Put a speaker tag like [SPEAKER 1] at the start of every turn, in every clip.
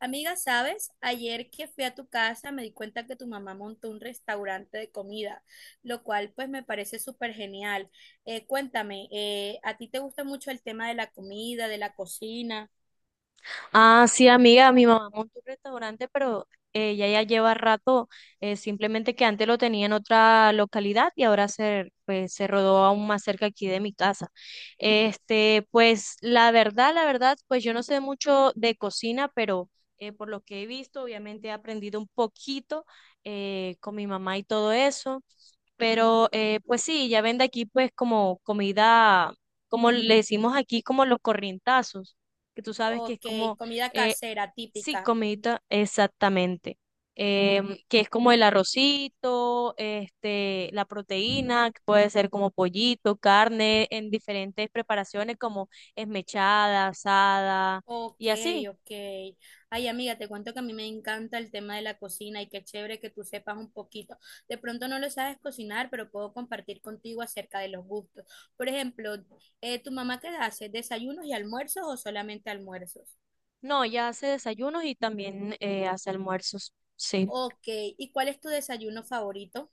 [SPEAKER 1] Amiga, ¿sabes? Ayer que fui a tu casa me di cuenta que tu mamá montó un restaurante de comida, lo cual pues me parece súper genial. Cuéntame, ¿a ti te gusta mucho el tema de la comida, de la cocina?
[SPEAKER 2] Ah, sí, amiga, mi mamá montó un restaurante, pero ella ya lleva rato, simplemente que antes lo tenía en otra localidad y ahora se, pues, se rodó aún más cerca aquí de mi casa. Este, pues la verdad, pues yo no sé mucho de cocina, pero por lo que he visto, obviamente he aprendido un poquito con mi mamá y todo eso, pero pues sí, ya vende aquí pues como comida, como le decimos aquí, como los corrientazos que tú sabes que es
[SPEAKER 1] Ok,
[SPEAKER 2] como
[SPEAKER 1] comida
[SPEAKER 2] eh,
[SPEAKER 1] casera,
[SPEAKER 2] sí,
[SPEAKER 1] típica.
[SPEAKER 2] comidita, exactamente. Que es como el arrocito, este, la proteína, que puede ser como pollito, carne, en diferentes preparaciones como esmechada, asada
[SPEAKER 1] Ok,
[SPEAKER 2] y así.
[SPEAKER 1] ok. Ay, amiga, te cuento que a mí me encanta el tema de la cocina y qué chévere que tú sepas un poquito. De pronto no lo sabes cocinar, pero puedo compartir contigo acerca de los gustos. Por ejemplo, ¿tu mamá qué hace? ¿Desayunos y almuerzos o solamente almuerzos?
[SPEAKER 2] No, ella hace desayunos y también hace almuerzos. Sí.
[SPEAKER 1] Ok, ¿y cuál es tu desayuno favorito?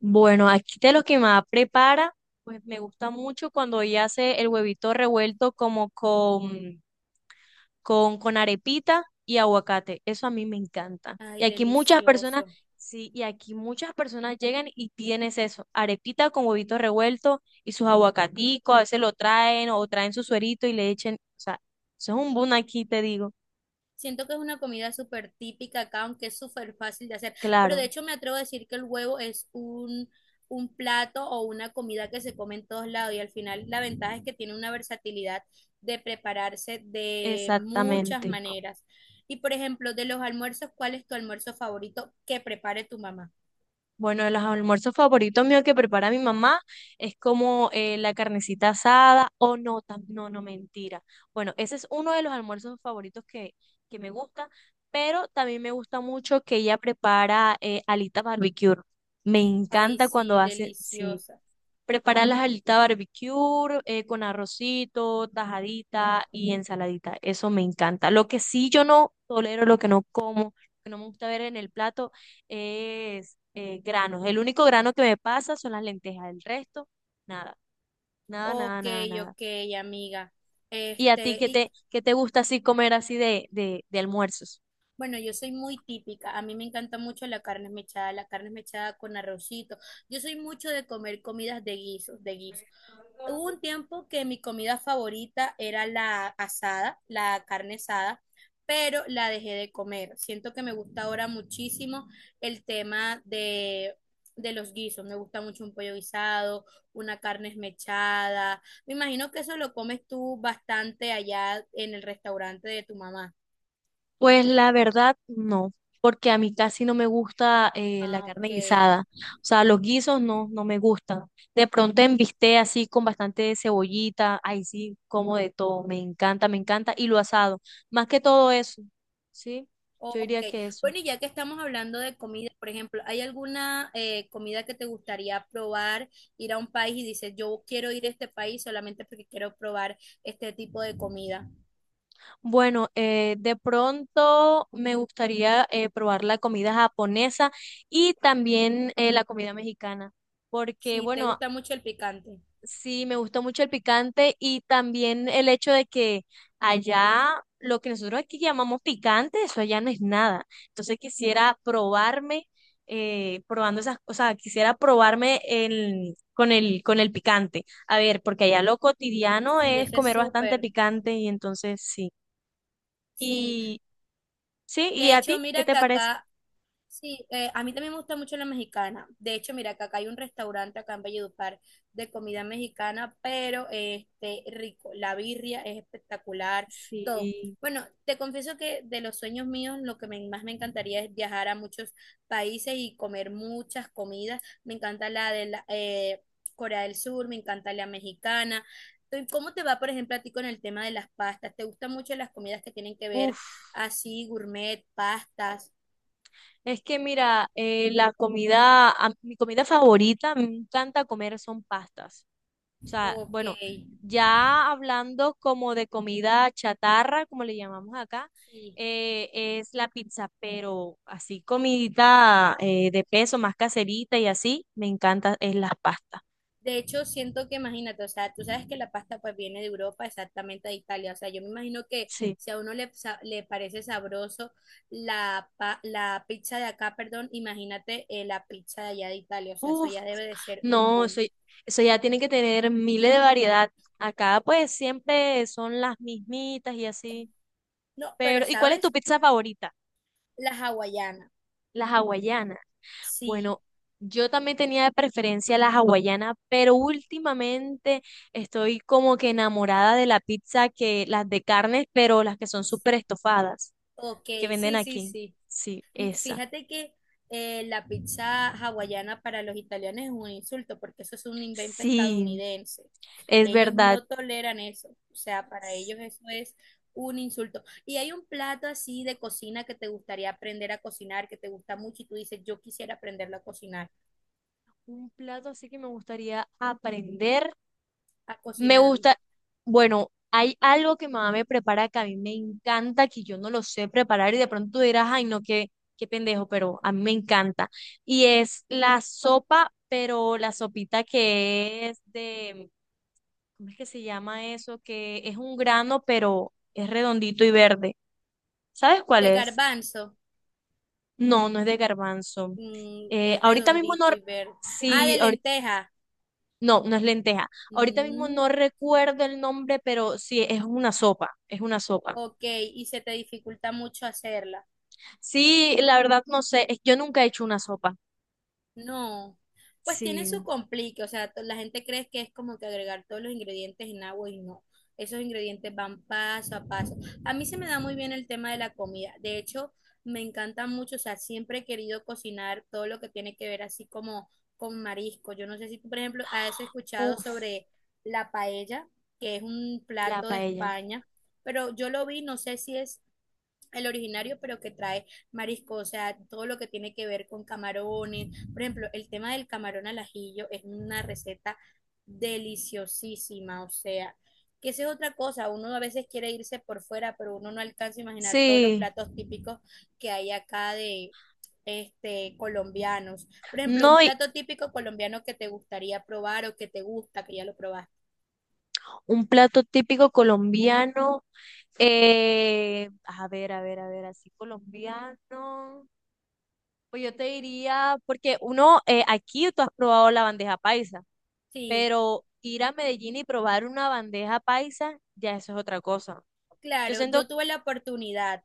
[SPEAKER 2] Bueno, aquí de lo que más prepara, pues me gusta mucho cuando ella hace el huevito revuelto como con con arepita y aguacate. Eso a mí me encanta. Y
[SPEAKER 1] Ay,
[SPEAKER 2] aquí muchas personas,
[SPEAKER 1] delicioso.
[SPEAKER 2] sí, y aquí muchas personas llegan y tienes eso, arepita con huevito revuelto y sus aguacaticos, a veces lo traen o traen su suerito y le echen, o sea, eso es un boom aquí, te digo.
[SPEAKER 1] Siento que es una comida súper típica acá, aunque es súper fácil de hacer. Pero de
[SPEAKER 2] Claro,
[SPEAKER 1] hecho me atrevo a decir que el huevo es un plato o una comida que se come en todos lados y al final la ventaja es que tiene una versatilidad de prepararse de muchas
[SPEAKER 2] exactamente.
[SPEAKER 1] maneras. Y por ejemplo, de los almuerzos, ¿cuál es tu almuerzo favorito que prepare tu mamá?
[SPEAKER 2] Bueno, de los almuerzos favoritos míos que prepara mi mamá es como la carnecita asada o no, no, no, mentira. Bueno, ese es uno de los almuerzos favoritos que me gusta, pero también me gusta mucho que ella prepara alitas barbecue. Me
[SPEAKER 1] Ay,
[SPEAKER 2] encanta cuando
[SPEAKER 1] sí,
[SPEAKER 2] hace, sí,
[SPEAKER 1] deliciosa.
[SPEAKER 2] preparar las alitas barbecue con arrocito, tajadita y ensaladita. Eso me encanta. Lo que sí yo no tolero, lo que no como, lo que no me gusta ver en el plato es granos. El único grano que me pasa son las lentejas. El resto, nada, nada, nada,
[SPEAKER 1] Ok,
[SPEAKER 2] nada, nada.
[SPEAKER 1] ok, amiga.
[SPEAKER 2] ¿Y a ti
[SPEAKER 1] Este, ¿y
[SPEAKER 2] qué te gusta así comer así de almuerzos?
[SPEAKER 1] bueno, yo soy muy típica? A mí me encanta mucho la carne mechada con arrocito. Yo soy mucho de comer comidas de guisos, de guiso. Hubo un tiempo que mi comida favorita era la asada, la carne asada, pero la dejé de comer. Siento que me gusta ahora muchísimo el tema de los guisos. Me gusta mucho un pollo guisado, una carne esmechada. Me imagino que eso lo comes tú bastante allá en el restaurante de tu mamá.
[SPEAKER 2] Pues la verdad, no, porque a mí casi no me gusta la
[SPEAKER 1] Ah,
[SPEAKER 2] carne
[SPEAKER 1] ok.
[SPEAKER 2] guisada. O sea, los guisos no, no me gustan. De pronto en bistec así con bastante cebollita, ahí sí, como de todo. Me encanta, me encanta. Y lo asado, más que todo eso, ¿sí? Yo
[SPEAKER 1] Ok,
[SPEAKER 2] diría que eso.
[SPEAKER 1] bueno, y ya que estamos hablando de comida, por ejemplo, ¿hay alguna comida que te gustaría probar, ir a un país y dices, yo quiero ir a este país solamente porque quiero probar este tipo de comida?
[SPEAKER 2] Bueno, de pronto me gustaría probar la comida japonesa y también la comida mexicana. Porque,
[SPEAKER 1] Sí, ¿te
[SPEAKER 2] bueno,
[SPEAKER 1] gusta mucho el picante?
[SPEAKER 2] sí, me gustó mucho el picante y también el hecho de que allá lo que nosotros aquí llamamos picante, eso allá no es nada. Entonces quisiera probarme, probando esas cosas, quisiera probarme el, con el, con el picante. A ver, porque allá lo cotidiano
[SPEAKER 1] Sí,
[SPEAKER 2] es
[SPEAKER 1] ese es
[SPEAKER 2] comer bastante
[SPEAKER 1] súper.
[SPEAKER 2] picante y entonces sí.
[SPEAKER 1] Sí,
[SPEAKER 2] Y sí, ¿y
[SPEAKER 1] de
[SPEAKER 2] a
[SPEAKER 1] hecho,
[SPEAKER 2] ti qué
[SPEAKER 1] mira
[SPEAKER 2] te
[SPEAKER 1] que
[SPEAKER 2] parece?
[SPEAKER 1] acá. Sí, a mí también me gusta mucho la mexicana. De hecho, mira, que acá hay un restaurante acá en Valledupar de comida mexicana, pero este rico. La birria es espectacular, todo.
[SPEAKER 2] Sí,
[SPEAKER 1] Bueno, te confieso que de los sueños míos, lo que más me encantaría es viajar a muchos países y comer muchas comidas. Me encanta la de la, Corea del Sur, me encanta la mexicana. Entonces, ¿cómo te va, por ejemplo, a ti con el tema de las pastas? ¿Te gustan mucho las comidas que tienen que ver
[SPEAKER 2] uff.
[SPEAKER 1] así, gourmet, pastas?
[SPEAKER 2] Es que mira, la comida, mi comida favorita, me encanta comer son pastas. O sea,
[SPEAKER 1] Ok,
[SPEAKER 2] bueno, ya hablando como de comida chatarra, como le llamamos acá,
[SPEAKER 1] sí.
[SPEAKER 2] es la pizza, pero así comidita de peso, más caserita y así, me encanta, es las pastas.
[SPEAKER 1] De hecho, siento que imagínate, o sea, tú sabes que la pasta pues viene de Europa, exactamente de Italia. O sea, yo me imagino que
[SPEAKER 2] Sí.
[SPEAKER 1] si a uno le parece sabroso la pizza de acá, perdón, imagínate la pizza de allá de Italia. O sea, eso
[SPEAKER 2] Uf,
[SPEAKER 1] ya debe de ser un
[SPEAKER 2] no, eso,
[SPEAKER 1] boom.
[SPEAKER 2] eso ya tiene que tener miles de variedad. Acá pues siempre son las mismitas y así.
[SPEAKER 1] No, pero
[SPEAKER 2] Pero, ¿y cuál es tu
[SPEAKER 1] ¿sabes?
[SPEAKER 2] pizza favorita?
[SPEAKER 1] La hawaiana.
[SPEAKER 2] La hawaiana.
[SPEAKER 1] Sí,
[SPEAKER 2] Bueno, yo también tenía de preferencia la hawaiana, pero últimamente estoy como que enamorada de la pizza que las de carnes, pero las que son súper estofadas,
[SPEAKER 1] ok,
[SPEAKER 2] que venden
[SPEAKER 1] sí, sí,
[SPEAKER 2] aquí.
[SPEAKER 1] sí.
[SPEAKER 2] Sí, esa.
[SPEAKER 1] Fíjate que la pizza hawaiana para los italianos es un insulto porque eso es un invento
[SPEAKER 2] Sí,
[SPEAKER 1] estadounidense.
[SPEAKER 2] es
[SPEAKER 1] Ellos
[SPEAKER 2] verdad.
[SPEAKER 1] no toleran eso. O sea, para
[SPEAKER 2] Sí,
[SPEAKER 1] ellos eso es un insulto. Y hay un plato así de cocina que te gustaría aprender a cocinar, que te gusta mucho y tú dices, yo quisiera aprenderlo a cocinar,
[SPEAKER 2] un plato así que me gustaría aprender.
[SPEAKER 1] a
[SPEAKER 2] Me
[SPEAKER 1] cocinarlo.
[SPEAKER 2] gusta, bueno, hay algo que mamá me prepara que a mí me encanta, que yo no lo sé preparar y de pronto tú dirás, ay, no, qué, qué pendejo, pero a mí me encanta. Y es la sopa, pero la sopita que es de, ¿cómo es que se llama eso? Que es un grano, pero es redondito y verde. ¿Sabes cuál
[SPEAKER 1] De
[SPEAKER 2] es?
[SPEAKER 1] garbanzo,
[SPEAKER 2] No, no es de garbanzo.
[SPEAKER 1] mm, es
[SPEAKER 2] Ahorita mismo no,
[SPEAKER 1] redondito y verde. Ah,
[SPEAKER 2] sí,
[SPEAKER 1] de lenteja.
[SPEAKER 2] no, no es lenteja. Ahorita mismo
[SPEAKER 1] Mm,
[SPEAKER 2] no recuerdo el nombre, pero sí, es una sopa, es una sopa.
[SPEAKER 1] ok, y se te dificulta mucho hacerla.
[SPEAKER 2] Sí, la verdad no sé. Yo nunca he hecho una sopa.
[SPEAKER 1] No, pues tiene su
[SPEAKER 2] Sí.
[SPEAKER 1] complique, o sea, la gente cree que es como que agregar todos los ingredientes en agua y no, esos ingredientes van paso a paso. A mí se me da muy bien el tema de la comida, de hecho, me encanta mucho, o sea, siempre he querido cocinar todo lo que tiene que ver así como con marisco. Yo no sé si tú, por ejemplo, has escuchado
[SPEAKER 2] Uff,
[SPEAKER 1] sobre la paella, que es un
[SPEAKER 2] la
[SPEAKER 1] plato de
[SPEAKER 2] paella.
[SPEAKER 1] España, pero yo lo vi, no sé si es el originario, pero que trae marisco, o sea, todo lo que tiene que ver con camarones. Por ejemplo, el tema del camarón al ajillo es una receta deliciosísima, o sea, que esa es otra cosa, uno a veces quiere irse por fuera, pero uno no alcanza a imaginar todos los
[SPEAKER 2] Sí.
[SPEAKER 1] platos típicos que hay acá de este colombianos. Por ejemplo,
[SPEAKER 2] No,
[SPEAKER 1] un
[SPEAKER 2] y
[SPEAKER 1] plato típico colombiano que te gustaría probar o que te gusta, que ya lo probaste.
[SPEAKER 2] un plato típico colombiano. A ver, a ver, a ver, así colombiano. Pues yo te diría, porque uno, aquí tú has probado la bandeja paisa,
[SPEAKER 1] Sí.
[SPEAKER 2] pero ir a Medellín y probar una bandeja paisa, ya eso es otra cosa. Yo
[SPEAKER 1] Claro, yo
[SPEAKER 2] siento,
[SPEAKER 1] tuve la oportunidad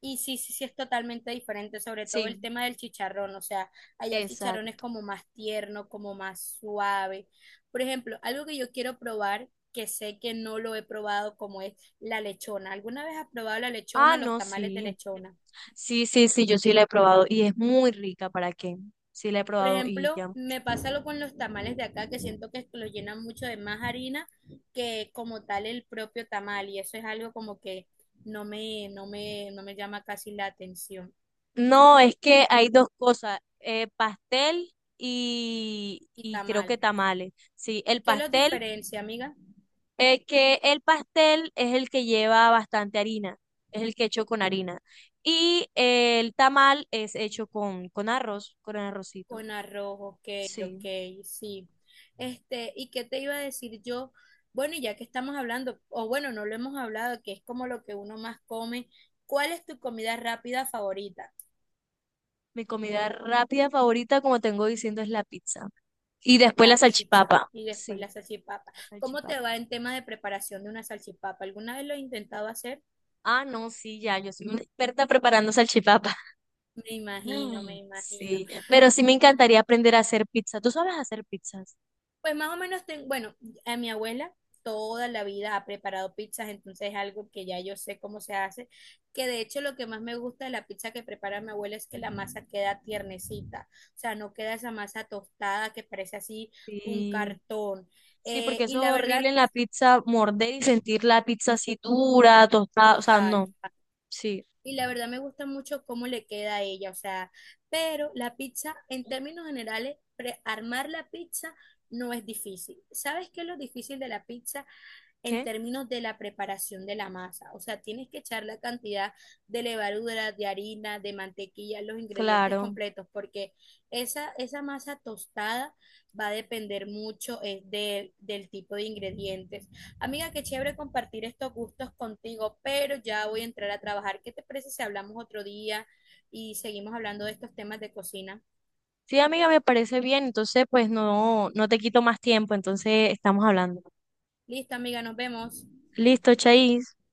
[SPEAKER 1] y sí, sí, sí es totalmente diferente, sobre todo el
[SPEAKER 2] sí,
[SPEAKER 1] tema del chicharrón, o sea, allá el chicharrón es
[SPEAKER 2] exacto.
[SPEAKER 1] como más tierno, como más suave. Por ejemplo, algo que yo quiero probar, que sé que no lo he probado, como es la lechona. ¿Alguna vez has probado la
[SPEAKER 2] Ah,
[SPEAKER 1] lechona o los
[SPEAKER 2] no,
[SPEAKER 1] tamales de
[SPEAKER 2] sí.
[SPEAKER 1] lechona?
[SPEAKER 2] Sí, sí, sí, yo sí la he probado y es muy rica, ¿para qué? Sí la he
[SPEAKER 1] Por
[SPEAKER 2] probado y
[SPEAKER 1] ejemplo,
[SPEAKER 2] ya.
[SPEAKER 1] me pasa lo con los tamales de acá, que siento que los llenan mucho de más harina que como tal el propio tamal, y eso es algo como que no me llama casi la atención.
[SPEAKER 2] No, es que hay dos cosas, pastel
[SPEAKER 1] Y
[SPEAKER 2] y creo
[SPEAKER 1] tamal.
[SPEAKER 2] que tamales. Sí, el
[SPEAKER 1] ¿Qué los
[SPEAKER 2] pastel,
[SPEAKER 1] diferencia, amiga?
[SPEAKER 2] que el pastel es el que lleva bastante harina, es el que hecho con harina. Y el tamal es hecho con arroz, con arrocito.
[SPEAKER 1] Con arroz, ok, ok,
[SPEAKER 2] Sí,
[SPEAKER 1] sí. Este, ¿y qué te iba a decir yo? Bueno, y ya que estamos hablando, o bueno, no lo hemos hablado, que es como lo que uno más come, ¿cuál es tu comida rápida favorita?
[SPEAKER 2] mi comida rápida favorita, como tengo diciendo, es la pizza. Y después la
[SPEAKER 1] La pizza
[SPEAKER 2] salchipapa.
[SPEAKER 1] y después la
[SPEAKER 2] Sí,
[SPEAKER 1] salchipapa.
[SPEAKER 2] la
[SPEAKER 1] ¿Cómo
[SPEAKER 2] salchipapa.
[SPEAKER 1] te va en tema de preparación de una salchipapa? ¿Alguna vez lo has intentado hacer?
[SPEAKER 2] Ah, no, sí, ya, yo soy una experta preparando salchipapa.
[SPEAKER 1] Me imagino,
[SPEAKER 2] Mm,
[SPEAKER 1] me imagino.
[SPEAKER 2] sí, pero sí me encantaría aprender a hacer pizza. ¿Tú sabes hacer pizzas?
[SPEAKER 1] Pues más o menos, bueno, a mi abuela toda la vida ha preparado pizzas, entonces es algo que ya yo sé cómo se hace, que de hecho lo que más me gusta de la pizza que prepara mi abuela es que la masa queda tiernecita, o sea, no queda esa masa tostada que parece así un
[SPEAKER 2] Sí,
[SPEAKER 1] cartón.
[SPEAKER 2] sí, porque eso
[SPEAKER 1] Y la
[SPEAKER 2] es horrible
[SPEAKER 1] verdad,
[SPEAKER 2] en la pizza, morder y sentir la pizza así dura, tostada, o sea,
[SPEAKER 1] total.
[SPEAKER 2] no. Sí.
[SPEAKER 1] Y la verdad me gusta mucho cómo le queda a ella, o sea, pero la pizza, en términos generales, armar la pizza no es difícil. ¿Sabes qué es lo difícil de la pizza? En
[SPEAKER 2] ¿Qué?
[SPEAKER 1] términos de la preparación de la masa. O sea, tienes que echar la cantidad de levadura, de harina, de mantequilla, los ingredientes
[SPEAKER 2] Claro.
[SPEAKER 1] completos, porque esa masa tostada va a depender mucho del tipo de ingredientes. Amiga, qué chévere compartir estos gustos contigo, pero ya voy a entrar a trabajar. ¿Qué te parece si hablamos otro día y seguimos hablando de estos temas de cocina?
[SPEAKER 2] Sí, amiga, me parece bien, entonces pues no, no te quito más tiempo, entonces estamos hablando.
[SPEAKER 1] Listo, amiga, nos vemos.
[SPEAKER 2] Listo, Chais.